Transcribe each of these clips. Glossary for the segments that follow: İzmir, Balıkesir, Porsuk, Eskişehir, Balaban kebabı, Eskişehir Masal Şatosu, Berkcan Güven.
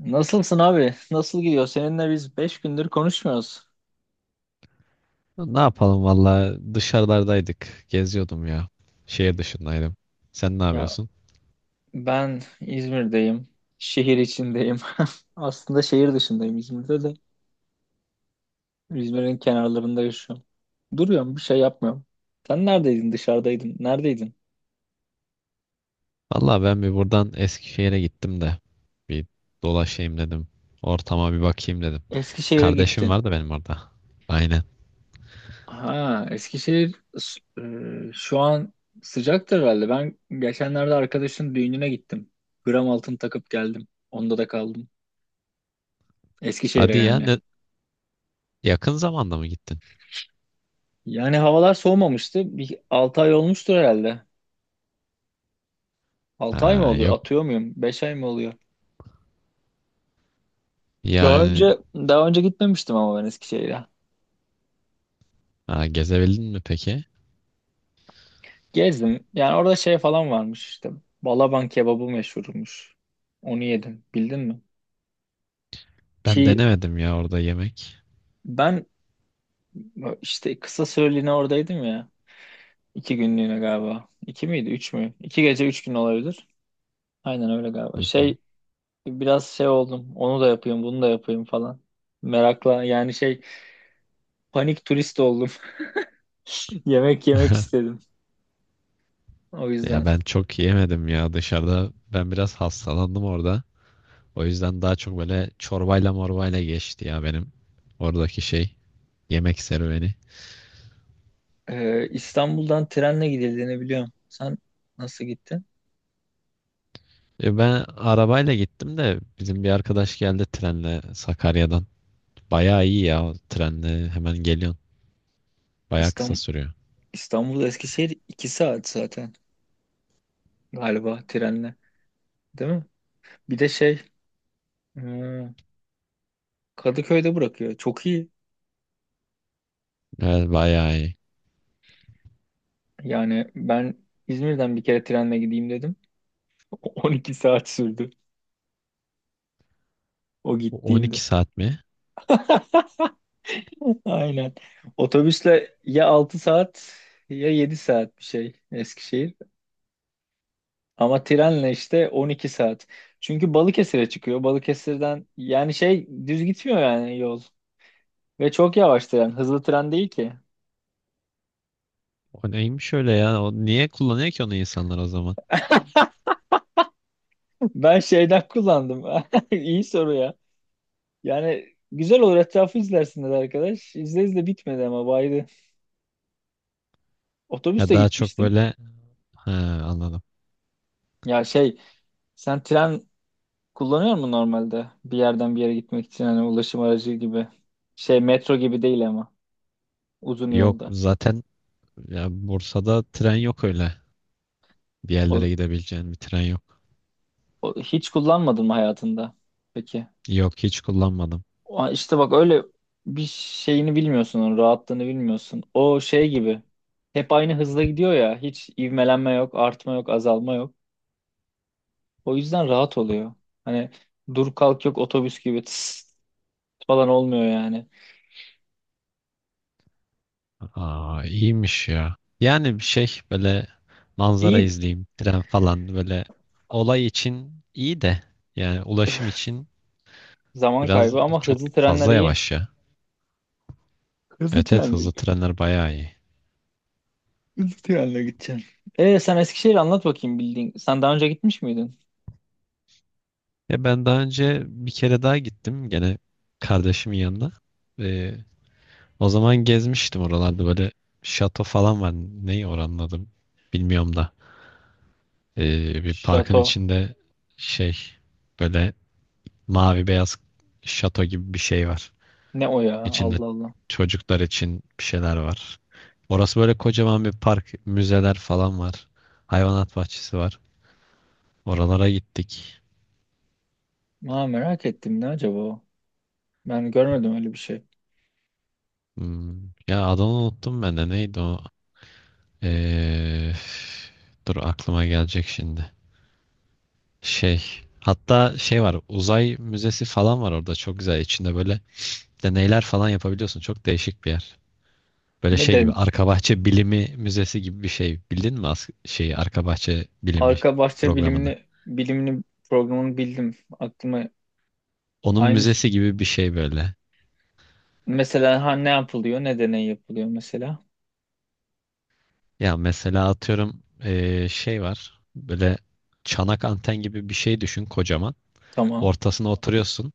Nasılsın abi? Nasıl gidiyor? Seninle biz 5 gündür konuşmuyoruz. Ne yapalım valla dışarılardaydık. Geziyordum ya. Şehir dışındaydım. Sen ne Ya, yapıyorsun? ben İzmir'deyim. Şehir içindeyim. Aslında şehir dışındayım İzmir'de de. İzmir'in kenarlarında yaşıyorum. Duruyorum, bir şey yapmıyorum. Sen neredeydin? Dışarıdaydın. Neredeydin? Valla ben bir buradan Eskişehir'e gittim de. Bir dolaşayım dedim. Ortama bir bakayım dedim. Eskişehir'e Kardeşim gittin. var da benim orada. Aynen. Ha, şu an sıcaktır herhalde. Ben geçenlerde arkadaşın düğününe gittim. Gram altın takıp geldim. Onda da kaldım. Eskişehir'e Hadi ya yani. ne- Yakın zamanda mı gittin? Yani havalar soğumamıştı. Bir 6 ay olmuştur herhalde. 6 ay mı Ha, oluyor? yok Atıyor muyum? 5 ay mı oluyor? Daha yani önce daha önce gitmemiştim ama ben Eskişehir'e. Ha, Gezebildin mi peki? Gezdim. Yani orada şey falan varmış işte. Balaban kebabı meşhurmuş. Onu yedim. Bildin mi? Ben Çiğ denemedim ya orada yemek. ben işte kısa süreliğine oradaydım ya. İki günlüğüne galiba. İki miydi? Üç mü? İki gece üç gün olabilir. Aynen öyle Hı galiba. hı. Şey, biraz şey oldum. Onu da yapayım, bunu da yapayım falan. Merakla yani şey, panik turist oldum. Yemek yemek istedim. O Ya yüzden. ben çok yemedim ya dışarıda. Ben biraz hastalandım orada. O yüzden daha çok böyle çorbayla morbayla geçti ya benim oradaki şey yemek serüveni. İstanbul'dan trenle gidildiğini biliyorum. Sen nasıl gittin? E ben arabayla gittim de bizim bir arkadaş geldi trenle Sakarya'dan. Bayağı iyi ya o trenle hemen geliyorsun. Bayağı kısa İstanbul, sürüyor. İstanbul Eskişehir 2 saat zaten galiba trenle. Değil mi? Bir de şey, e, Kadıköy'de bırakıyor. Çok iyi. Evet bayağı iyi. Yani ben İzmir'den bir kere trenle gideyim dedim. 12 saat sürdü o gittiğimde. 12 saat mi? Aynen. Otobüsle ya 6 saat ya 7 saat bir şey Eskişehir. Ama trenle işte 12 saat. Çünkü Balıkesir'e çıkıyor. Balıkesir'den yani şey düz gitmiyor yani yol. Ve çok yavaş tren. Hızlı tren değil ki. O neymiş öyle ya? O niye kullanıyor ki onu insanlar o zaman? Ben şeyden kullandım. İyi soru ya. Yani güzel olur etrafı izlersiniz arkadaş. İzle izle bitmedi ama baydı. Ya Otobüste daha çok gitmiştim. böyle ha, Anladım. Ya şey, sen tren kullanıyor musun normalde? Bir yerden bir yere gitmek için hani ulaşım aracı gibi. Şey metro gibi değil ama uzun Yok yolda. zaten ya Bursa'da tren yok öyle. Bir O, yerlere gidebileceğin bir tren yok. Hiç kullanmadın mı hayatında? Peki. Yok hiç kullanmadım. Aa, İşte bak öyle bir şeyini bilmiyorsun, onun rahatlığını bilmiyorsun. O şey gibi hep aynı hızla gidiyor ya. Hiç ivmelenme yok, artma yok, azalma yok. O yüzden rahat oluyor. Hani dur kalk yok, otobüs gibi tıs falan olmuyor yani. Aa, iyiymiş ya. Yani bir şey böyle manzara İyi, izleyeyim, tren falan böyle olay için iyi de yani ulaşım için zaman biraz kaybı ama çok hızlı trenler fazla iyi. yavaş ya. Hızlı Evet evet trenle, hızlı trenler bayağı iyi. hızlı trenle gideceksin. Sen Eskişehir anlat bakayım bildiğin. Sen daha önce gitmiş miydin? Ya ben daha önce bir kere daha gittim gene kardeşimin yanına. Ee, O zaman gezmiştim oralarda böyle şato falan var. Neyi oranın adı bilmiyorum da. Bir parkın Şato. içinde şey böyle mavi beyaz şato gibi bir şey var. Ne o ya? İçinde Allah Allah. çocuklar için bir şeyler var. Orası böyle kocaman bir park, müzeler falan var. Hayvanat bahçesi var. Oralara gittik. Aa, merak ettim ne acaba o? Ben görmedim öyle bir şey. Hmm, ya adını unuttum ben de. Neydi o? Ee, Dur aklıma gelecek şimdi. Şey, hatta şey var. Uzay müzesi falan var orada. Çok güzel. İçinde böyle deneyler falan yapabiliyorsun. Çok değişik bir yer. Böyle Ne şey gibi de arka bahçe bilimi müzesi gibi bir şey. Bildin mi şeyi arka bahçe bilimi arka bahçe programını? bilimini programını bildim. Aklıma Onun aynı müzesi gibi bir şey böyle. mesela ha ne yapılıyor, ne deney yapılıyor mesela. Ya mesela atıyorum şey var. Böyle çanak anten gibi bir şey düşün kocaman. Tamam. Ortasına oturuyorsun.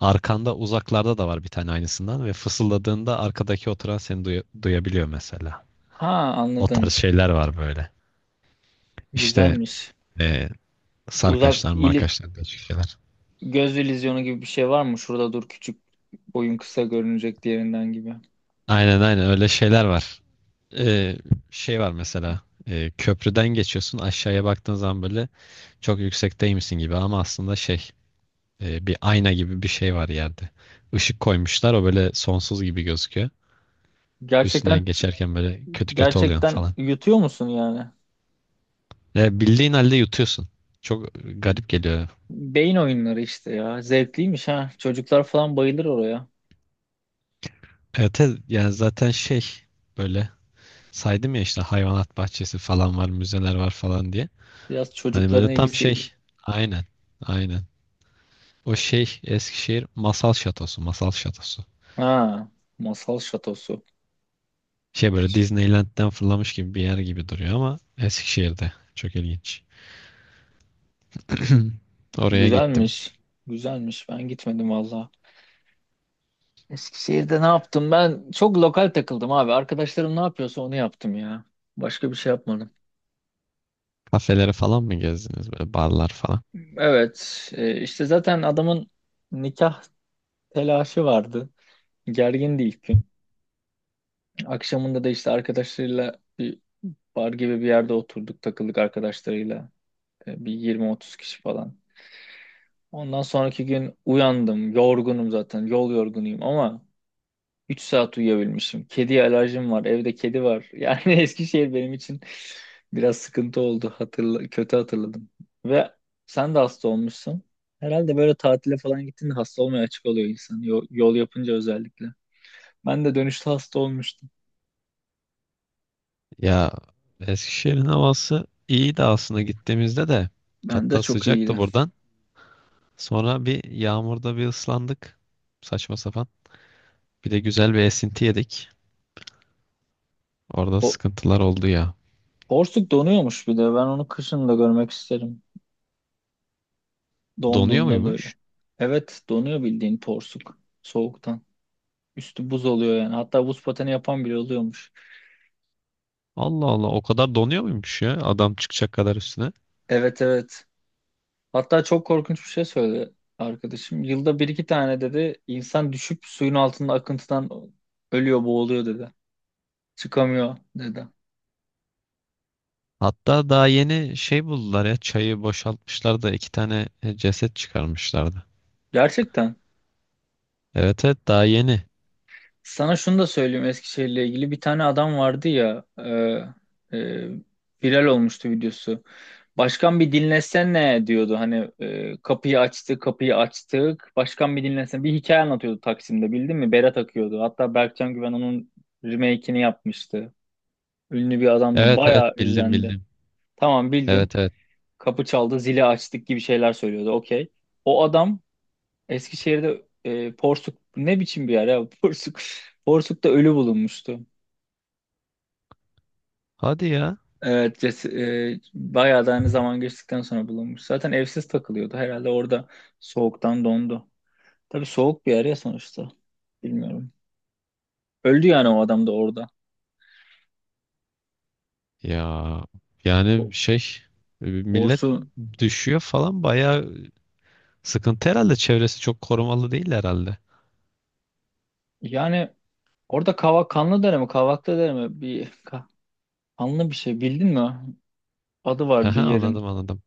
Arkanda uzaklarda da var bir tane aynısından ve fısıldadığında arkadaki oturan seni duyabiliyor mesela. Ha, O anladım. tarz şeyler var böyle. İşte Güzelmiş. eee Uzak sarkaçlar, ili, markaçlar diye şeyler. göz illüzyonu gibi bir şey var mı? Şurada dur, küçük boyun kısa görünecek diğerinden gibi. Aynen aynen öyle şeyler var. Eee, Şey var mesela. Köprüden geçiyorsun aşağıya baktığın zaman böyle çok yüksekteymişsin gibi ama aslında şey bir ayna gibi bir şey var yerde. Işık koymuşlar o böyle sonsuz gibi gözüküyor. Gerçekten Üstünden geçerken böyle kötü kötü oluyor gerçekten falan. yutuyor musun yani? Ve bildiğin halde yutuyorsun. Çok garip geliyor. Beyin oyunları işte ya. Zevkliymiş ha. Çocuklar falan bayılır oraya. Evet, evet, yani zaten şey böyle saydım ya işte hayvanat bahçesi falan var, müzeler var falan diye. Biraz Hani çocukların böyle tam ilgisi. şey. Aynen. Aynen. O şey Eskişehir Masal Şatosu, Masal Şatosu. Ha, masal şatosu. Şey böyle Disneyland'den fırlamış gibi bir yer gibi duruyor ama Eskişehir'de. Çok ilginç. Oraya gittim. Güzelmiş. Güzelmiş. Ben gitmedim valla. Eskişehir'de ne yaptım? Ben çok lokal takıldım abi. Arkadaşlarım ne yapıyorsa onu yaptım ya. Başka bir şey yapmadım. Kafeleri falan mı gezdiniz böyle barlar falan? Evet. İşte zaten adamın nikah telaşı vardı. Gergindi ilk gün. Akşamında da işte arkadaşlarıyla bir bar gibi bir yerde oturduk. Takıldık arkadaşlarıyla. Bir 20-30 kişi falan. Ondan sonraki gün uyandım. Yorgunum zaten. Yol yorgunuyum ama 3 saat uyuyabilmişim. Kediye alerjim var. Evde kedi var. Yani Eskişehir benim için biraz sıkıntı oldu. Hatırla, kötü hatırladım. Ve sen de hasta olmuşsun. Herhalde böyle tatile falan gittiğinde hasta olmaya açık oluyor insan. Yol yapınca özellikle. Ben de dönüşte hasta olmuştum. Ya Eskişehir'in havası iyiydi aslında gittiğimizde de. Ben de Hatta çok iyiydi. sıcaktı buradan. Sonra bir yağmurda bir ıslandık. Saçma sapan. Bir de güzel bir esinti yedik. Orada O, sıkıntılar oldu ya. Porsuk donuyormuş bir de. Ben onu kışın da görmek isterim. Donuyor Donduğunda böyle. muymuş? Evet donuyor bildiğin porsuk. Soğuktan. Üstü buz oluyor yani. Hatta buz pateni yapan bile oluyormuş. Allah Allah, o kadar donuyor muymuş ya adam çıkacak kadar üstüne. Evet evet. Hatta çok korkunç bir şey söyledi arkadaşım. Yılda bir iki tane dedi insan düşüp suyun altında akıntıdan ölüyor, boğuluyor dedi. Çıkamıyor dedi. Hatta daha yeni şey buldular ya çayı boşaltmışlar da iki tane ceset çıkarmışlardı. Gerçekten. Evet evet daha yeni. Sana şunu da söyleyeyim Eskişehir'le ilgili. Bir tane adam vardı ya, viral olmuştu videosu. Başkan bir dinlesene diyordu. Hani kapıyı açtı, kapıyı açtık. Başkan bir dinlesene. Bir hikaye anlatıyordu Taksim'de, bildin mi? Bere takıyordu. Hatta Berkcan Güven onun remake'ini yapmıştı. Ünlü bir adamdı. Evet Bayağı evet bildim izlendi. bildim. Tamam bildin. Evet evet. Kapı çaldı, zili açtık gibi şeyler söylüyordu. Okey. O adam Eskişehir'de Porsuk ne biçim bir yer ya? Porsuk. Porsuk'ta ölü bulunmuştu. Hadi ya. Evet, bayağı da hani zaman geçtikten sonra bulunmuş. Zaten evsiz takılıyordu. Herhalde orada soğuktan dondu. Tabii soğuk bir yer ya sonuçta. Bilmiyorum. Öldü yani o adam da orada. Ya O- yani şey millet Doğrusu düşüyor falan bayağı sıkıntı herhalde. Çevresi çok korumalı değil herhalde. yani orada kavak kanlı dere mi kavaklı dere mi bir kanlı bir şey bildin mi? Adı var Haha, bir yerin. anladım anladım.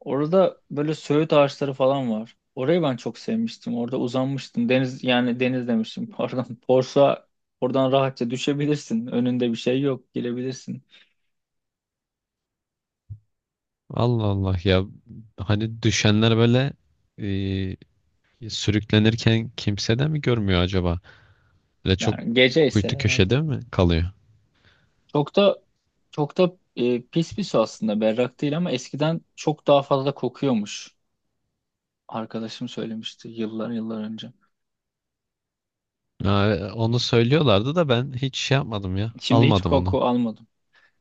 Orada böyle söğüt ağaçları falan var. Orayı ben çok sevmiştim. Orada uzanmıştım. Deniz yani deniz demiştim pardon. Borsa oradan rahatça düşebilirsin. Önünde bir şey yok. Girebilirsin. Allah Allah ya, hani düşenler böyle sürüklenirken kimse de mi görmüyor acaba? Böyle çok Yani gece ise kuytu herhalde. köşede mi kalıyor? Çok da çok da pis bir su aslında, berrak değil, ama eskiden çok daha fazla kokuyormuş. Arkadaşım söylemişti yıllar önce. Ha, onu söylüyorlardı da ben hiç şey yapmadım ya. Şimdi hiç Almadım onu. koku almadım.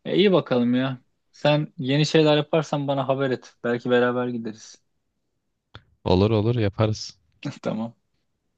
İyi bakalım ya. Sen yeni şeyler yaparsan bana haber et. Belki beraber gideriz. Olur olur yaparız. Tamam.